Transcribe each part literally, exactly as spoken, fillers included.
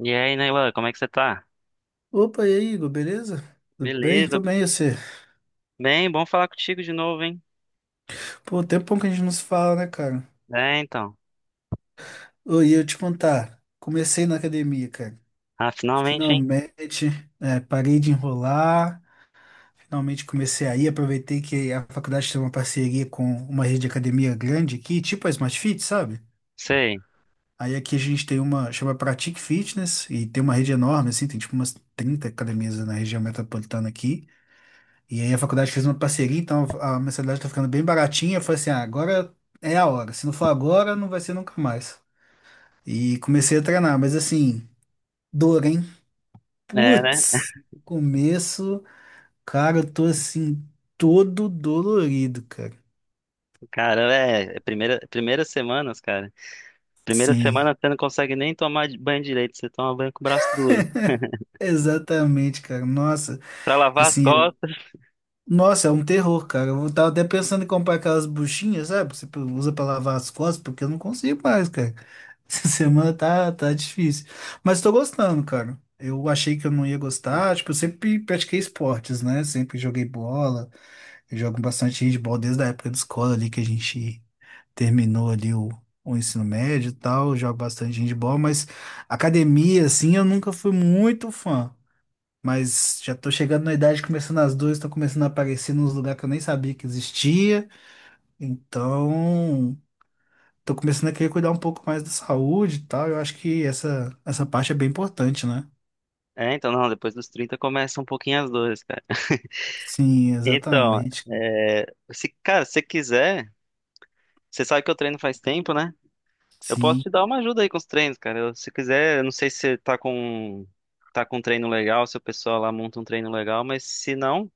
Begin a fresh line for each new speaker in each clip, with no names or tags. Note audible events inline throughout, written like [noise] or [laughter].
E aí, Neilan, como é que você tá?
Opa, e aí, Igor, beleza? Tudo bem?
Beleza.
Tudo bem, e você?
Bem, bom falar contigo de novo, hein?
Pô, tempão que a gente não se fala, né, cara?
É, então.
Ô, e eu te contar, comecei na academia, cara.
Ah, finalmente, hein?
Finalmente, é, parei de enrolar, finalmente comecei aí, aproveitei que a faculdade tem uma parceria com uma rede de academia grande aqui, tipo a Smart Fit, sabe?
Sei.
Aí aqui a gente tem uma, chama Pratique Fitness, e tem uma rede enorme, assim, tem tipo umas trinta academias na região metropolitana aqui. E aí a faculdade fez uma parceria, então a mensalidade tá ficando bem baratinha. Eu falei assim, ah, agora é a hora. Se não for agora, não vai ser nunca mais. E comecei a treinar, mas assim, dor, hein?
É, né?
Putz, no começo, cara, eu tô assim, todo dolorido, cara.
Cara, é, é primeira, primeiras semanas, cara. Primeira
Sim,
semana você não consegue nem tomar banho direito, você toma banho com o braço duro.
exatamente, cara. Nossa,
Pra lavar as
assim,
costas.
nossa, é um terror, cara. Eu tava até pensando em comprar aquelas buchinhas, sabe, que Você usa pra lavar as costas, porque eu não consigo mais, cara. Essa [laughs] semana tá, tá difícil. Mas tô gostando, cara. Eu achei que eu não ia gostar. Tipo, eu sempre pratiquei esportes, né? Sempre joguei bola. Eu jogo bastante handball desde a época da escola ali que a gente terminou ali o, o ensino médio e tal. Eu jogo bastante handball, mas academia, assim, eu nunca fui muito fã. Mas já tô chegando na idade, começando as duas, tô começando a aparecer nos lugares que eu nem sabia que existia. Então tô começando a querer cuidar um pouco mais da saúde e tal. Eu acho que essa, essa parte é bem importante, né?
É, então, não, depois dos trinta começa um pouquinho as dores, cara.
Sim,
Então,
exatamente. cara.
é, se, cara, se você quiser, você sabe que eu treino faz tempo, né? Eu posso
Sim.
te dar uma ajuda aí com os treinos, cara. Eu- se quiser, eu não sei se você tá com tá com um treino legal, se o pessoal lá monta um treino legal, mas se não,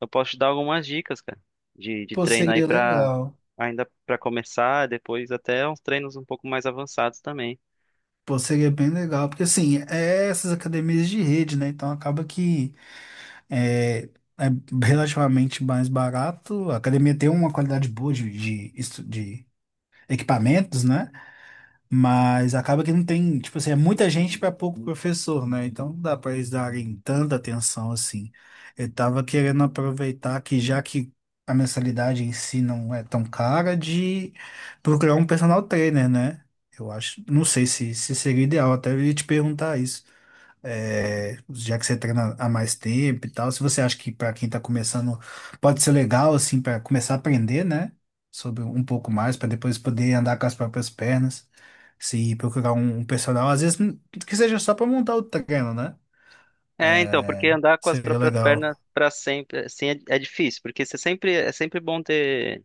eu posso te dar algumas dicas, cara, de, de
Pô,
treino aí
seria
pra
legal.
ainda pra começar, depois até uns treinos um pouco mais avançados também.
Pô, seria bem legal. Porque, assim, é essas academias de rede, né? Então acaba que é, é relativamente mais barato. A academia tem uma qualidade boa de, de, estu- de equipamentos, né? Mas acaba que não tem, tipo assim, é muita gente para pouco professor, né? Então não dá para eles darem tanta atenção assim. Eu estava querendo aproveitar que já que a mensalidade em si não é tão cara, de procurar um personal trainer, né? Eu acho, não sei se, se seria ideal, até eu ia te perguntar isso é, já que você treina há mais tempo e tal, se você acha que para quem está começando pode ser legal assim para começar a aprender, né, sobre um pouco mais para depois poder andar com as próprias pernas, se procurar um, um, personal, às vezes n- que seja só para montar o treino, né?
É, então, porque andar com as
Seria
próprias
legal.
pernas pra sempre, assim, é, é difícil, porque você sempre é sempre bom ter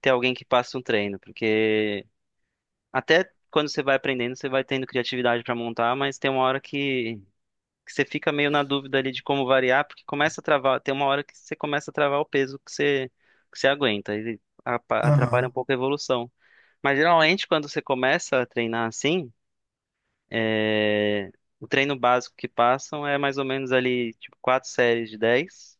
ter alguém que passe um treino, porque até quando você vai aprendendo, você vai tendo criatividade pra montar, mas tem uma hora que que você fica meio na dúvida ali de como variar, porque começa a travar, tem uma hora que você começa a travar o peso que você, que você aguenta, e apa- atrapalha um
Aham.
pouco a evolução. Mas geralmente quando você começa a treinar assim, é, o treino básico que passam é mais ou menos ali, tipo, quatro séries de dez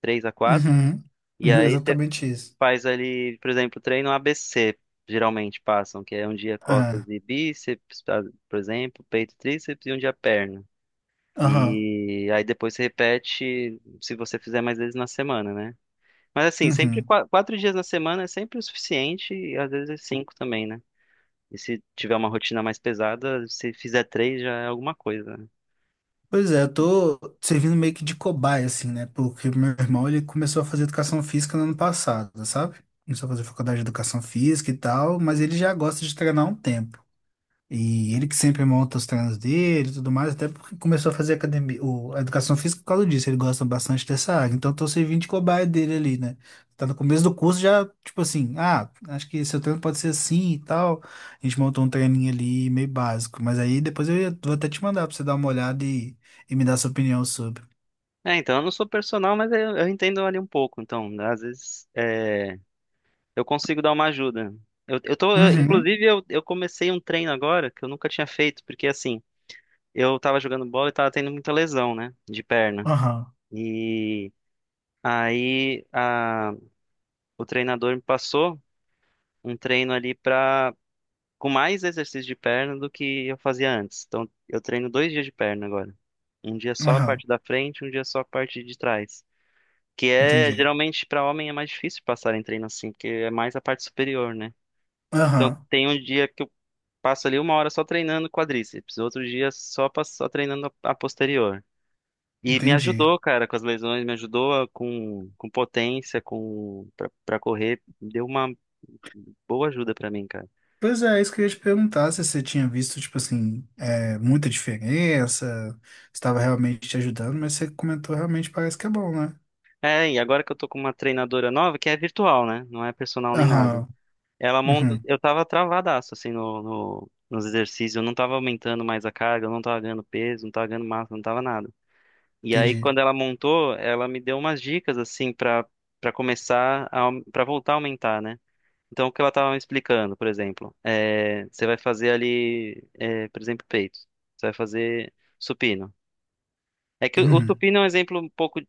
três a quatro,
Uhum.
e
[laughs]
aí você
Exatamente isso.
faz ali, por exemplo, treino A B C, geralmente passam, que é um dia
Ah.
costas e bíceps, tá? Por exemplo, peito e tríceps, e um dia perna.
Aham.
E aí depois você repete se você fizer mais vezes na semana, né? Mas assim, sempre
Uhum.
qua- quatro dias na semana é sempre o suficiente e às vezes cinco também, né? E se tiver uma rotina mais pesada, se fizer três já é alguma coisa, né?
Pois é, eu tô servindo meio que de cobaia, assim, né? Porque o meu irmão, ele começou a fazer educação física no ano passado, sabe? Começou a fazer faculdade de educação física e tal, mas ele já gosta de treinar há um tempo. E ele que sempre monta os treinos dele e tudo mais, até porque começou a fazer academia, o, a educação física por causa disso, ele gosta bastante dessa área. Então, eu tô servindo de cobaia dele ali, né? Tá no começo do curso já, tipo assim, ah, acho que seu treino pode ser assim e tal. A gente montou um treininho ali meio básico, mas aí depois eu ia- vou até te mandar pra você dar uma olhada e, e me dar sua opinião sobre.
É, então eu não sou personal, mas eu, eu entendo ali um pouco. Então, às vezes é, eu consigo dar uma ajuda. Eu, eu tô, eu-
Uhum,
inclusive, eu, eu comecei um treino agora que eu nunca tinha feito, porque assim, eu tava jogando bola e tava tendo muita lesão, né? De perna.
aham,
e Aí a- o treinador me passou um treino ali pra, com mais exercício de perna do que eu fazia antes. Então eu treino dois dias de perna agora. Um dia só a
aham,
parte da frente, um dia só a parte de trás. Que é,
entendi.
geralmente, pra homem é mais difícil passar em treino assim, porque é mais a parte superior, né? Então
Aham,
tem um dia que eu passo ali uma hora só treinando quadríceps, outro dia só, passo- só treinando a a posterior. E me
entendi.
ajudou, cara, com as lesões, me ajudou a- com, com potência, com pra, pra correr, deu uma boa ajuda pra mim, cara.
Pois é, é isso que eu ia te perguntar, se você tinha visto, tipo assim, é, muita diferença, estava realmente te ajudando, mas você comentou realmente parece que é bom, né?
É, e agora que eu tô com uma treinadora nova, que é virtual, né? Não é personal nem nada.
Aham,
Ela monta,
uhum,
eu tava travadaço assim no, no- nos exercícios, eu não tava aumentando mais a carga, eu não tava ganhando peso, não tava ganhando massa, não tava nada. E aí
entendi.
quando ela montou, ela me deu umas dicas assim pra para começar a, para voltar a aumentar, né? Então, o que ela estava me explicando, por exemplo, é, você vai fazer ali, é, por exemplo, peito. Você vai fazer supino. É que o, o
Uhum,
supino é um exemplo um pouco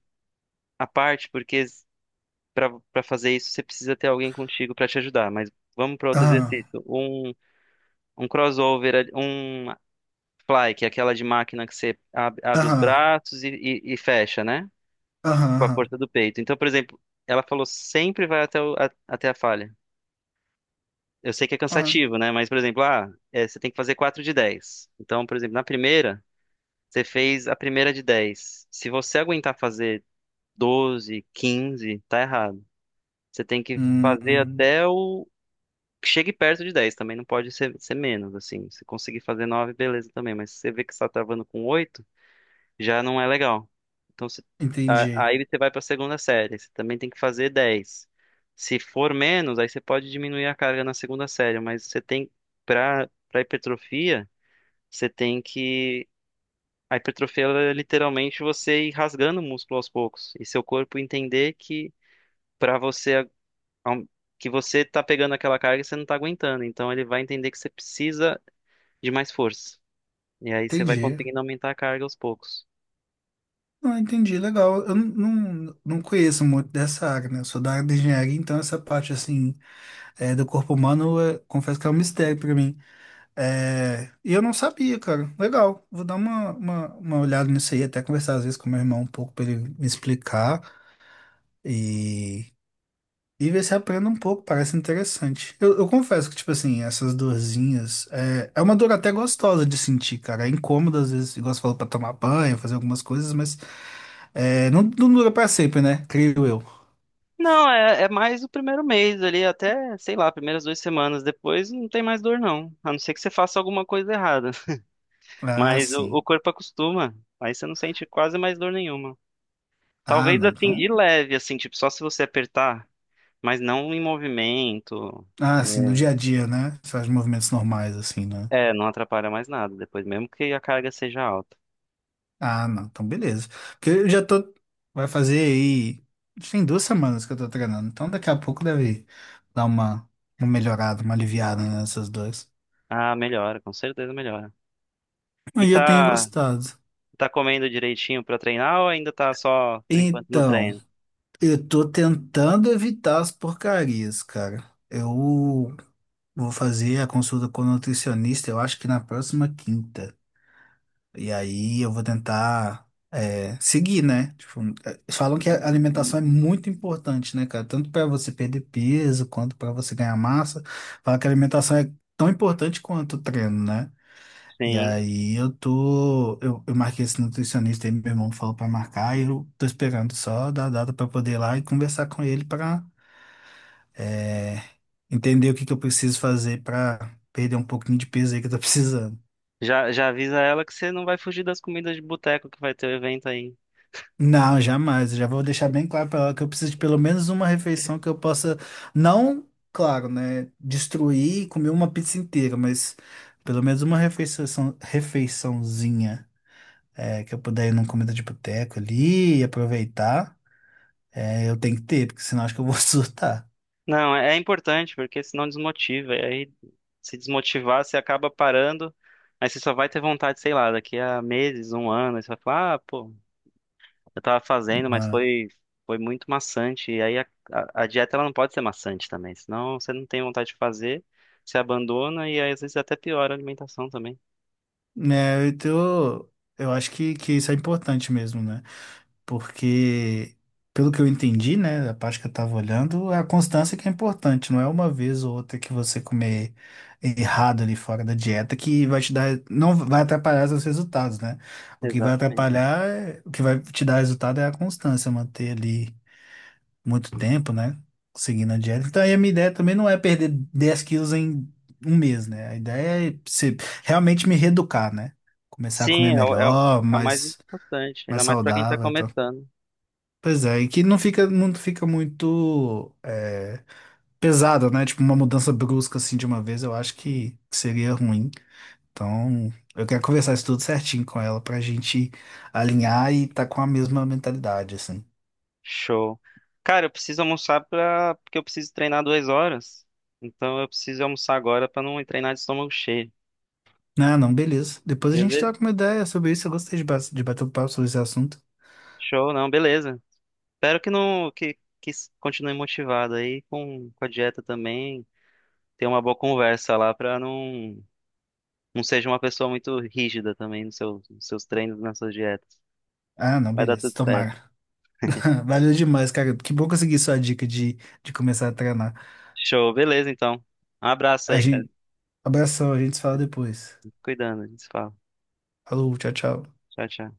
à parte, porque para para fazer isso você precisa ter alguém contigo para te ajudar. Mas vamos para outro
aham,
exercício. Um, um crossover, ali- um fly, que é aquela de máquina que você ab- abre os
aham,
braços e, e- e fecha, né?
aham,
Com a
aham.
força do peito. Então, por exemplo, ela falou sempre vai até, o- a- até a falha. Eu sei que é
Ah,
cansativo, né? Mas, por exemplo, ah, é, você tem que fazer quatro de dez. Então, por exemplo, na primeira, você fez a primeira de dez. Se você aguentar fazer doze, quinze, tá errado. Você tem que
hum,
fazer
hum,
até o. Chegue perto de dez. Também não pode ser, ser menos, assim. Se conseguir fazer nove, beleza também. Mas se você vê que você tá travando com oito já não é legal. Então, você- a-
entendi,
aí você vai para a segunda série, você também tem que fazer dez. Se for menos, aí você pode diminuir a carga na segunda série, mas você tem, para para hipertrofia, você tem que. A hipertrofia ela é literalmente você ir rasgando o músculo aos poucos e seu corpo entender que para você aum- que você tá pegando aquela carga e você não tá aguentando, então ele vai entender que você precisa de mais força. E aí você vai
entendi.
conseguindo aumentar a carga aos poucos.
Ah, entendi, legal. Eu não, não, não conheço muito dessa área, né? Eu sou da área de engenharia, então essa parte, assim, é, do corpo humano, é, confesso que é um mistério para mim. É, e eu não sabia, cara. Legal. Vou dar uma, uma, uma olhada nisso aí, até conversar às vezes com meu irmão um pouco para ele me explicar e, e ver se aprendo um pouco. Parece interessante. Eu, eu confesso que, tipo assim, essas dorzinhas é, é uma dor até gostosa de sentir, cara. É incômodo às vezes, igual você falou, pra tomar banho, fazer algumas coisas, mas é, não, não dura pra sempre, né? Creio eu.
Não, é, é mais o primeiro mês ali, até, sei lá, primeiras duas semanas depois não tem mais dor, não. A não ser que você faça alguma coisa errada. [laughs]
Ah,
Mas o,
sim.
o corpo acostuma. Aí você não sente quase mais dor nenhuma.
Ah,
Talvez
não.
assim,
Então,
de leve, assim, tipo, só se você apertar, mas não em movimento.
ah, sim, no dia a dia, né? Você faz movimentos normais, assim, né?
É, é, não atrapalha mais nada depois, mesmo que a carga seja alta.
Ah, não, então beleza. Porque eu já tô. Vai fazer aí. Tem duas semanas que eu tô treinando, então daqui a pouco deve dar uma, uma melhorada, uma aliviada nessas duas.
Ah, melhora, com certeza melhora. E
Aí eu tenho
tá,
gostado.
tá comendo direitinho pra treinar ou ainda tá só por enquanto no
Então,
treino?
eu tô tentando evitar as porcarias, cara. Eu vou fazer a consulta com o nutricionista, eu acho que na próxima quinta. E aí eu vou tentar é, seguir, né? Tipo, é, falam que a alimentação é muito importante, né, cara? Tanto para você perder peso quanto para você ganhar massa. Falam que a alimentação é tão importante quanto o treino, né? E
Sim.
aí eu tô. Eu, eu marquei esse nutricionista aí, meu irmão falou para marcar, e eu tô esperando só dar a data para poder ir lá e conversar com ele para entender o que que eu preciso fazer para perder um pouquinho de peso aí que eu tô [laughs] precisando.
Já, já avisa ela que você não vai fugir das comidas de boteco que vai ter o evento aí.
Não, jamais. Eu já vou deixar bem claro para ela que eu preciso de pelo menos uma refeição que eu possa, não, claro, né, destruir e comer uma pizza inteira, mas pelo menos uma refeição, refeiçãozinha é, que eu puder ir numa comida de boteco ali e aproveitar, é, eu tenho que ter, porque senão acho que eu vou [laughs] surtar.
Não, é, é importante, porque senão desmotiva. E aí, se desmotivar, você acaba parando. Aí você só vai ter vontade, sei lá, daqui a meses, um ano. Aí você vai falar, ah, pô, eu tava fazendo, mas
Ah.
foi, foi muito maçante. E aí a, a, a dieta ela não pode ser maçante também. Senão você não tem vontade de fazer, você abandona e aí, às vezes até piora a alimentação também.
É, então, eu acho que, que isso é importante mesmo, né? Porque, pelo que eu entendi, né, a parte que eu estava olhando, é a constância que é importante, não é uma vez ou outra que você comer errado ali fora da dieta que vai te dar, não vai atrapalhar seus resultados, né? O que vai
Exatamente.
atrapalhar, é- o que vai te dar resultado é a constância, manter ali muito tempo, né, seguindo a dieta. Então, aí a minha ideia também não é perder dez quilos em um mês, né? A ideia é se- realmente me reeducar, né? Começar a
Sim,
comer
é, o- é, o-
melhor,
é o mais
mais,
importante,
mais
ainda mais pra quem tá
saudável, e tal.
começando.
Pois é, e que não fica, não fica muito é, pesado, né? Tipo, uma mudança brusca assim de uma vez, eu acho que seria ruim. Então, eu quero conversar isso tudo certinho com ela pra gente alinhar e tá com a mesma mentalidade, assim.
Show. Cara, eu preciso almoçar pra... porque eu preciso treinar duas horas. Então eu preciso almoçar agora pra não treinar de estômago cheio.
Não, não, beleza. Depois a gente
Beleza?
troca uma ideia sobre isso. Eu gostei de, ba- de bater um papo sobre esse assunto.
Show, não, beleza. Espero que não que, que s- continue motivado aí com, com a dieta também. Ter uma boa conversa lá pra não não seja uma pessoa muito rígida também nos seus, nos seus treinos, nas suas dietas.
Ah, não,
Vai dar
beleza.
tudo certo.
Tomara. [laughs] Valeu demais, cara. Que bom conseguir sua dica de, de começar a treinar.
Show, beleza então. Um abraço
A
aí, cara.
gente, abração, a gente se fala depois.
Cuidando, a gente se fala.
Falou, tchau, tchau.
Tchau, tchau.